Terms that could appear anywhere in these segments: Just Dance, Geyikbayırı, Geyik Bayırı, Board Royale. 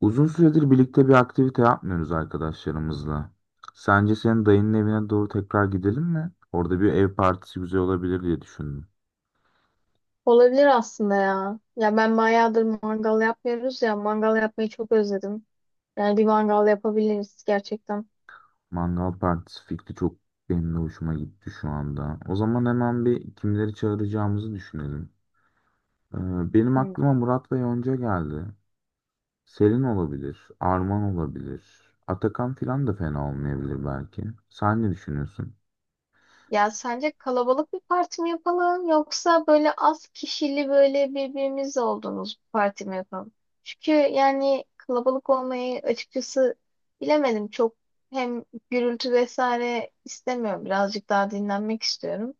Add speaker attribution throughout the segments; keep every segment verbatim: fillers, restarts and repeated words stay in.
Speaker 1: Uzun süredir birlikte bir aktivite yapmıyoruz arkadaşlarımızla. Sence senin dayının evine doğru tekrar gidelim mi? Orada bir ev partisi güzel olabilir diye düşündüm.
Speaker 2: Olabilir aslında ya. Ya ben bayağıdır mangal yapmıyoruz ya. Mangal yapmayı çok özledim. Yani bir mangal yapabiliriz gerçekten.
Speaker 1: Mangal partisi fikri çok benim de hoşuma gitti şu anda. O zaman hemen bir kimleri çağıracağımızı düşünelim. Ee, benim aklıma Murat ve Yonca geldi. Selin olabilir, Arman olabilir. Atakan filan da fena olmayabilir belki. Sen ne düşünüyorsun?
Speaker 2: Ya sence kalabalık bir parti mi yapalım yoksa böyle az kişili böyle birbirimizle olduğumuz bir parti mi yapalım? Çünkü yani kalabalık olmayı açıkçası bilemedim çok, hem gürültü vesaire istemiyorum, birazcık daha dinlenmek istiyorum.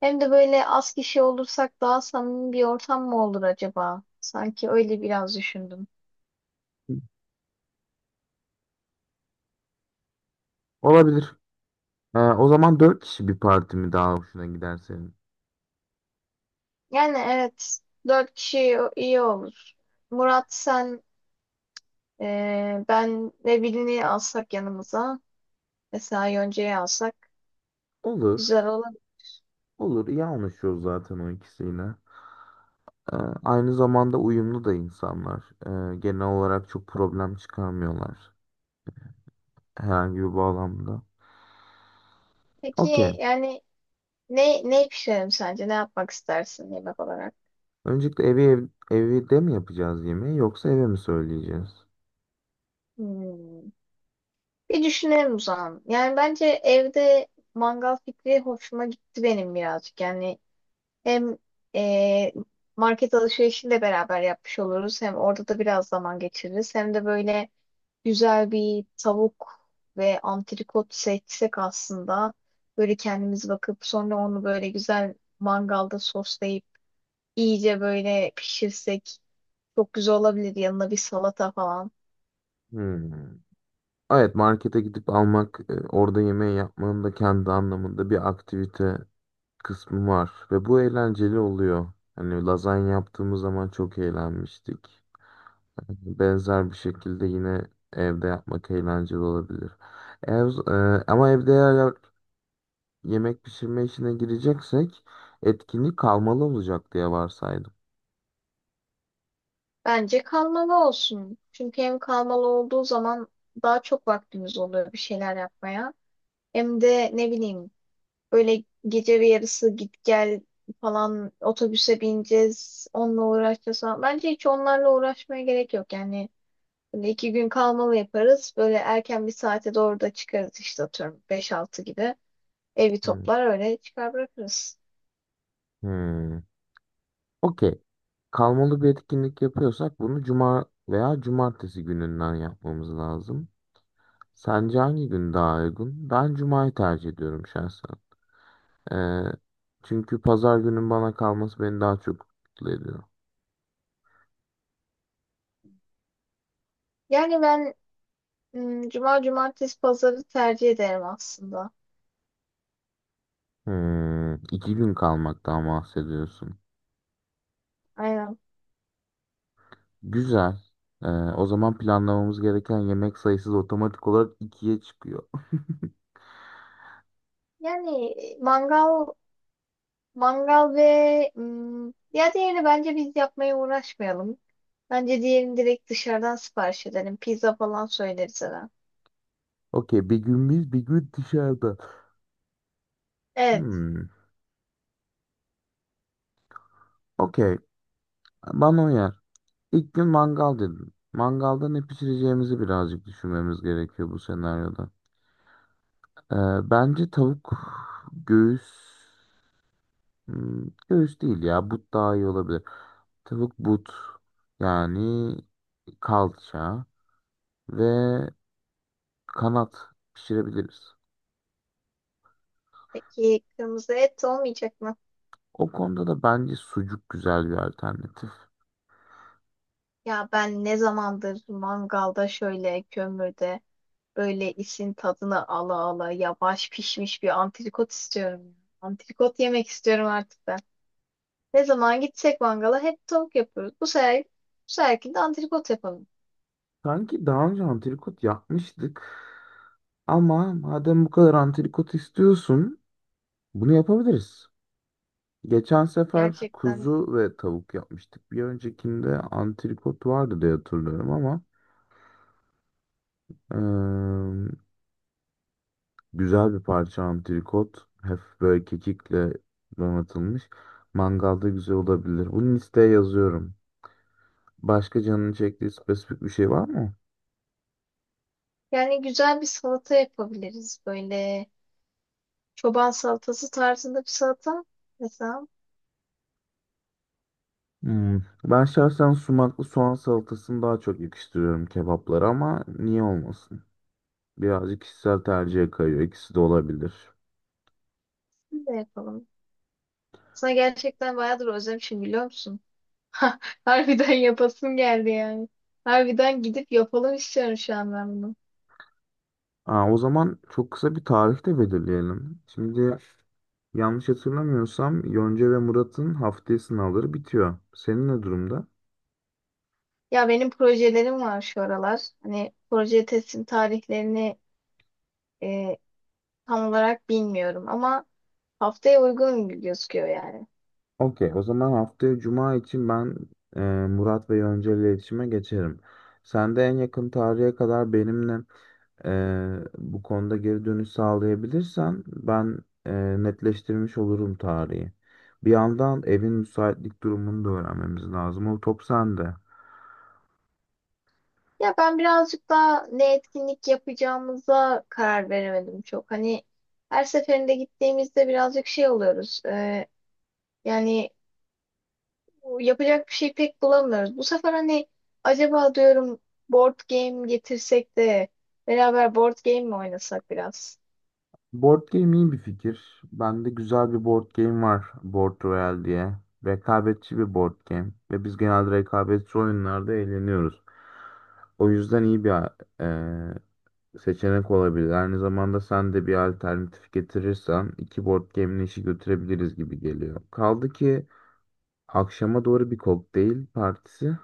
Speaker 2: Hem de böyle az kişi olursak daha samimi bir ortam mı olur acaba? Sanki öyle biraz düşündüm.
Speaker 1: Olabilir. Ee, o zaman dört kişi bir parti mi daha hoşuna gider senin?
Speaker 2: Yani evet, dört kişi iyi olur. Murat, sen, e, ben ve birini alsak yanımıza. Mesela Yoncayı alsak
Speaker 1: Olur.
Speaker 2: güzel olur.
Speaker 1: Olur, iyi anlaşıyoruz zaten o ikisiyle. Ee, Aynı zamanda uyumlu da insanlar. Ee, genel olarak çok problem çıkarmıyorlar herhangi bir bağlamda.
Speaker 2: Peki
Speaker 1: Okey.
Speaker 2: yani ne ne pişirelim sence? Ne yapmak istersin yemek olarak?
Speaker 1: Öncelikle evi ev, evde mi yapacağız yemeği yoksa eve mi söyleyeceğiz?
Speaker 2: Hmm. Bir düşünelim o zaman. Yani bence evde mangal fikri hoşuma gitti benim birazcık. Yani hem e, market alışverişini de beraber yapmış oluruz. Hem orada da biraz zaman geçiririz. Hem de böyle güzel bir tavuk ve antrikot seçsek aslında, böyle kendimiz bakıp sonra onu böyle güzel mangalda soslayıp İyice böyle pişirsek çok güzel olabilir, yanına bir salata falan.
Speaker 1: Hmm. Evet, markete gidip almak, e, orada yemeği yapmanın da kendi anlamında bir aktivite kısmı var ve bu eğlenceli oluyor. Hani lazanya yaptığımız zaman çok eğlenmiştik. Benzer bir şekilde yine evde yapmak eğlenceli olabilir. Ev, e, ama evde eğer yemek pişirme işine gireceksek etkinlik kalmalı olacak diye varsaydım.
Speaker 2: Bence kalmalı olsun. Çünkü hem kalmalı olduğu zaman daha çok vaktimiz oluyor bir şeyler yapmaya. Hem de ne bileyim, böyle gece bir yarısı git gel falan, otobüse bineceğiz, onunla uğraşacağız falan. Bence hiç onlarla uğraşmaya gerek yok. Yani böyle iki gün kalmalı yaparız. Böyle erken bir saate doğru da çıkarız işte, atıyorum beş altı gibi. Evi
Speaker 1: Hmm.
Speaker 2: toplar öyle çıkar bırakırız.
Speaker 1: Hmm. Okey. Kalmalı bir etkinlik yapıyorsak bunu cuma veya cumartesi gününden yapmamız lazım. Sence hangi gün daha uygun? Ben cumayı tercih ediyorum şahsen. E, Çünkü pazar günün bana kalması beni daha çok mutlu ediyor.
Speaker 2: Yani ben, hmm, cuma, cumartesi, pazarı tercih ederim aslında.
Speaker 1: Hmm, iki gün kalmaktan bahsediyorsun.
Speaker 2: Aynen.
Speaker 1: Güzel. Ee, o zaman planlamamız gereken yemek sayısı da otomatik olarak ikiye çıkıyor.
Speaker 2: Yani mangal, mangal ve hmm, ya diğerini bence biz yapmaya uğraşmayalım. Bence diğerini direkt dışarıdan sipariş edelim. Pizza falan söyleriz hemen.
Speaker 1: Okey, bir gün biz, bir gün dışarıda.
Speaker 2: Evet.
Speaker 1: Hmm, Okey. Bana uyar. İlk gün mangal dedim. Mangalda ne pişireceğimizi birazcık düşünmemiz gerekiyor bu senaryoda. Ee, Bence tavuk göğüs, hmm, göğüs değil ya, but daha iyi olabilir. Tavuk but, yani kalça ve kanat pişirebiliriz.
Speaker 2: Peki kırmızı et olmayacak mı?
Speaker 1: O konuda da bence sucuk güzel bir alternatif.
Speaker 2: Ya ben ne zamandır mangalda şöyle kömürde böyle isin tadını ala ala yavaş pişmiş bir antrikot istiyorum. Antrikot yemek istiyorum artık ben. Ne zaman gitsek mangala hep tavuk yapıyoruz. Bu sefer, bu seferki de antrikot yapalım.
Speaker 1: Sanki daha önce antrikot yapmıştık. Ama madem bu kadar antrikot istiyorsun, bunu yapabiliriz. Geçen sefer
Speaker 2: Gerçekten.
Speaker 1: kuzu ve tavuk yapmıştık. Bir öncekinde antrikot vardı diye hatırlıyorum ama eee, güzel bir parça antrikot. Hep böyle kekikle donatılmış. Mangalda güzel olabilir. Bunu listeye yazıyorum. Başka canını çektiği spesifik bir şey var mı?
Speaker 2: Yani güzel bir salata yapabiliriz. Böyle çoban salatası tarzında bir salata mesela.
Speaker 1: Hmm. Ben şahsen sumaklı soğan salatasını daha çok yakıştırıyorum kebaplara ama niye olmasın? Birazcık kişisel tercihe kayıyor. İkisi de olabilir.
Speaker 2: Biz de yapalım. Sana gerçekten bayağıdır özlemişim, biliyor musun? Harbiden yapasım geldi yani. Harbiden gidip yapalım istiyorum şu an ben bunu.
Speaker 1: Aa, o zaman çok kısa bir tarih de belirleyelim. Şimdi yanlış hatırlamıyorsam Yonca ve Murat'ın haftaya sınavları bitiyor. Senin ne durumda?
Speaker 2: Ya benim projelerim var şu aralar. Hani proje teslim tarihlerini e, tam olarak bilmiyorum ama haftaya uygun gözüküyor yani.
Speaker 1: Okey, o zaman haftaya cuma için ben e, Murat ve Yonca ile iletişime geçerim. Sen de en yakın tarihe kadar benimle Eee, bu konuda geri dönüş sağlayabilirsen ben eee, netleştirmiş olurum tarihi. Bir yandan evin müsaitlik durumunu da öğrenmemiz lazım. O top sende.
Speaker 2: Ya ben birazcık daha ne etkinlik yapacağımıza karar veremedim çok. Hani her seferinde gittiğimizde birazcık şey oluyoruz. E, yani yapacak bir şey pek bulamıyoruz. Bu sefer hani acaba diyorum, board game getirsek de beraber board game mi oynasak biraz?
Speaker 1: Board game iyi bir fikir. Bende güzel bir board game var, Board Royale diye. Rekabetçi bir board game. Ve biz genelde rekabetçi oyunlarda eğleniyoruz. O yüzden iyi bir eee, seçenek olabilir. Aynı zamanda sen de bir alternatif getirirsen iki board game'in işi götürebiliriz gibi geliyor. Kaldı ki akşama doğru bir kokteyl partisi.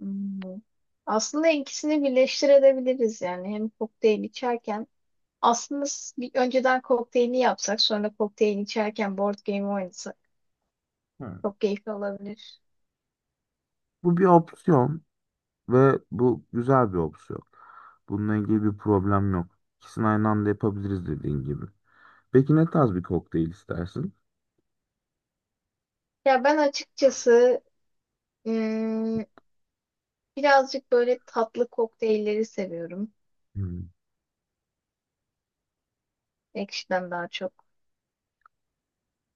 Speaker 2: Hmm. Aslında ikisini birleştirebiliriz yani. Hem kokteyl içerken, aslında s- bir önceden kokteylini yapsak, sonra kokteyl içerken board game oynasak.
Speaker 1: Hı.
Speaker 2: Çok keyifli olabilir.
Speaker 1: Bu bir opsiyon ve bu güzel bir opsiyon. Bununla ilgili bir problem yok. İkisini aynı anda yapabiliriz dediğin gibi. Peki ne tarz bir kokteyl istersin?
Speaker 2: Ya ben açıkçası, ım, birazcık böyle tatlı kokteylleri seviyorum.
Speaker 1: Hmm.
Speaker 2: Ekşiden daha çok.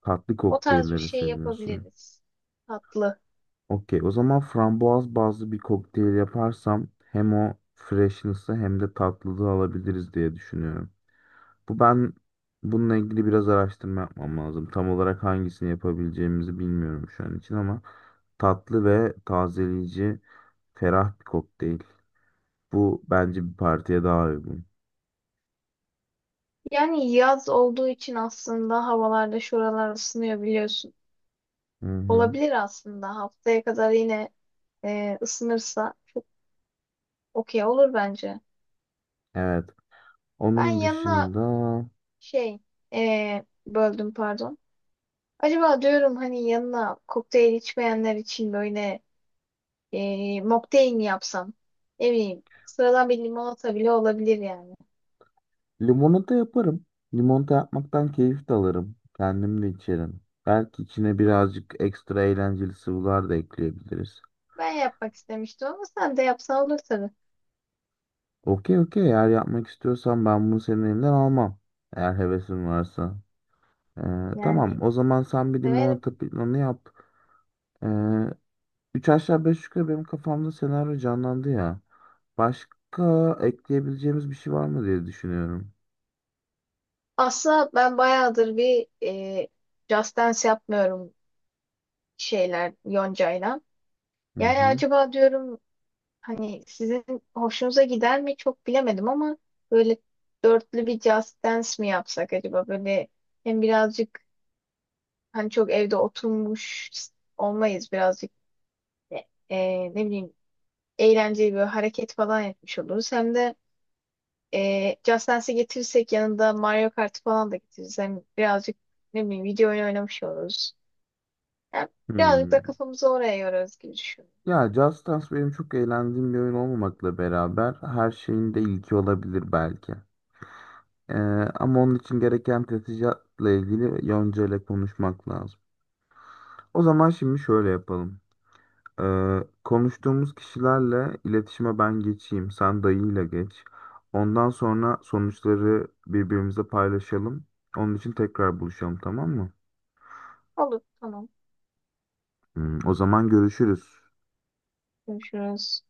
Speaker 1: Tatlı
Speaker 2: O tarz bir
Speaker 1: kokteylleri
Speaker 2: şey
Speaker 1: seviyorsun.
Speaker 2: yapabiliriz. Tatlı.
Speaker 1: Okey, o zaman frambuaz bazlı bir kokteyl yaparsam hem o freshness'ı hem de tatlılığı alabiliriz diye düşünüyorum. Bu ben Bununla ilgili biraz araştırma yapmam lazım. Tam olarak hangisini yapabileceğimizi bilmiyorum şu an için ama tatlı ve tazeleyici, ferah bir kokteyl. Bu bence bir partiye daha uygun.
Speaker 2: Yani yaz olduğu için aslında havalarda şuralar ısınıyor biliyorsun.
Speaker 1: Hı hı.
Speaker 2: Olabilir aslında. Haftaya kadar yine e, ısınırsa okey olur bence.
Speaker 1: Evet.
Speaker 2: Ben
Speaker 1: Onun
Speaker 2: yanına
Speaker 1: dışında
Speaker 2: şey, e, böldüm pardon. Acaba diyorum hani yanına kokteyl içmeyenler için böyle, e, mocktail mi yapsam? Ne bileyim. Sıradan bir limonata bile olabilir yani.
Speaker 1: limonata yaparım. Limonata yapmaktan keyif de alırım. Kendim de içerim. Belki içine birazcık ekstra eğlenceli sıvılar da ekleyebiliriz.
Speaker 2: Ben yapmak istemiştim ama sen de yapsan olur tabii.
Speaker 1: Okey, okey, eğer yapmak istiyorsan ben bunu senin elinden almam. Eğer hevesin varsa. Ee,
Speaker 2: Yani
Speaker 1: tamam, o zaman sen bir
Speaker 2: severim.
Speaker 1: limonata planı yap. Ee, Üç aşağı beş yukarı benim kafamda senaryo canlandı ya. Başka ekleyebileceğimiz bir şey var mı diye düşünüyorum.
Speaker 2: Aslında ben bayağıdır bir e, Just Dance yapmıyorum şeyler Yonca'yla.
Speaker 1: Hı
Speaker 2: Yani
Speaker 1: hı.
Speaker 2: acaba diyorum, hani sizin hoşunuza gider mi çok bilemedim ama böyle dörtlü bir Just Dance mi yapsak acaba? Böyle hem birazcık hani çok evde oturmuş olmayız, birazcık e, e, ne bileyim eğlenceli bir hareket falan yapmış oluruz. Hem de e, Just Dance'i getirirsek yanında Mario Kart falan da getiririz. Hem birazcık ne bileyim video oyunu oynamış oluruz. Hem birazcık da
Speaker 1: Hmm.
Speaker 2: kafamızı oraya yorarız gibi düşünüyorum.
Speaker 1: Ya Just Dance benim çok eğlendiğim bir oyun olmamakla beraber her şeyin de ilki olabilir belki. Ee, Ama onun için gereken teçhizatla ilgili Yonca ile konuşmak lazım. O zaman şimdi şöyle yapalım. Ee, konuştuğumuz kişilerle iletişime ben geçeyim, sen dayıyla geç. Ondan sonra sonuçları birbirimize paylaşalım. Onun için tekrar buluşalım, tamam mı?
Speaker 2: Olur, tamam.
Speaker 1: Hmm, o zaman görüşürüz.
Speaker 2: Görüşürüz.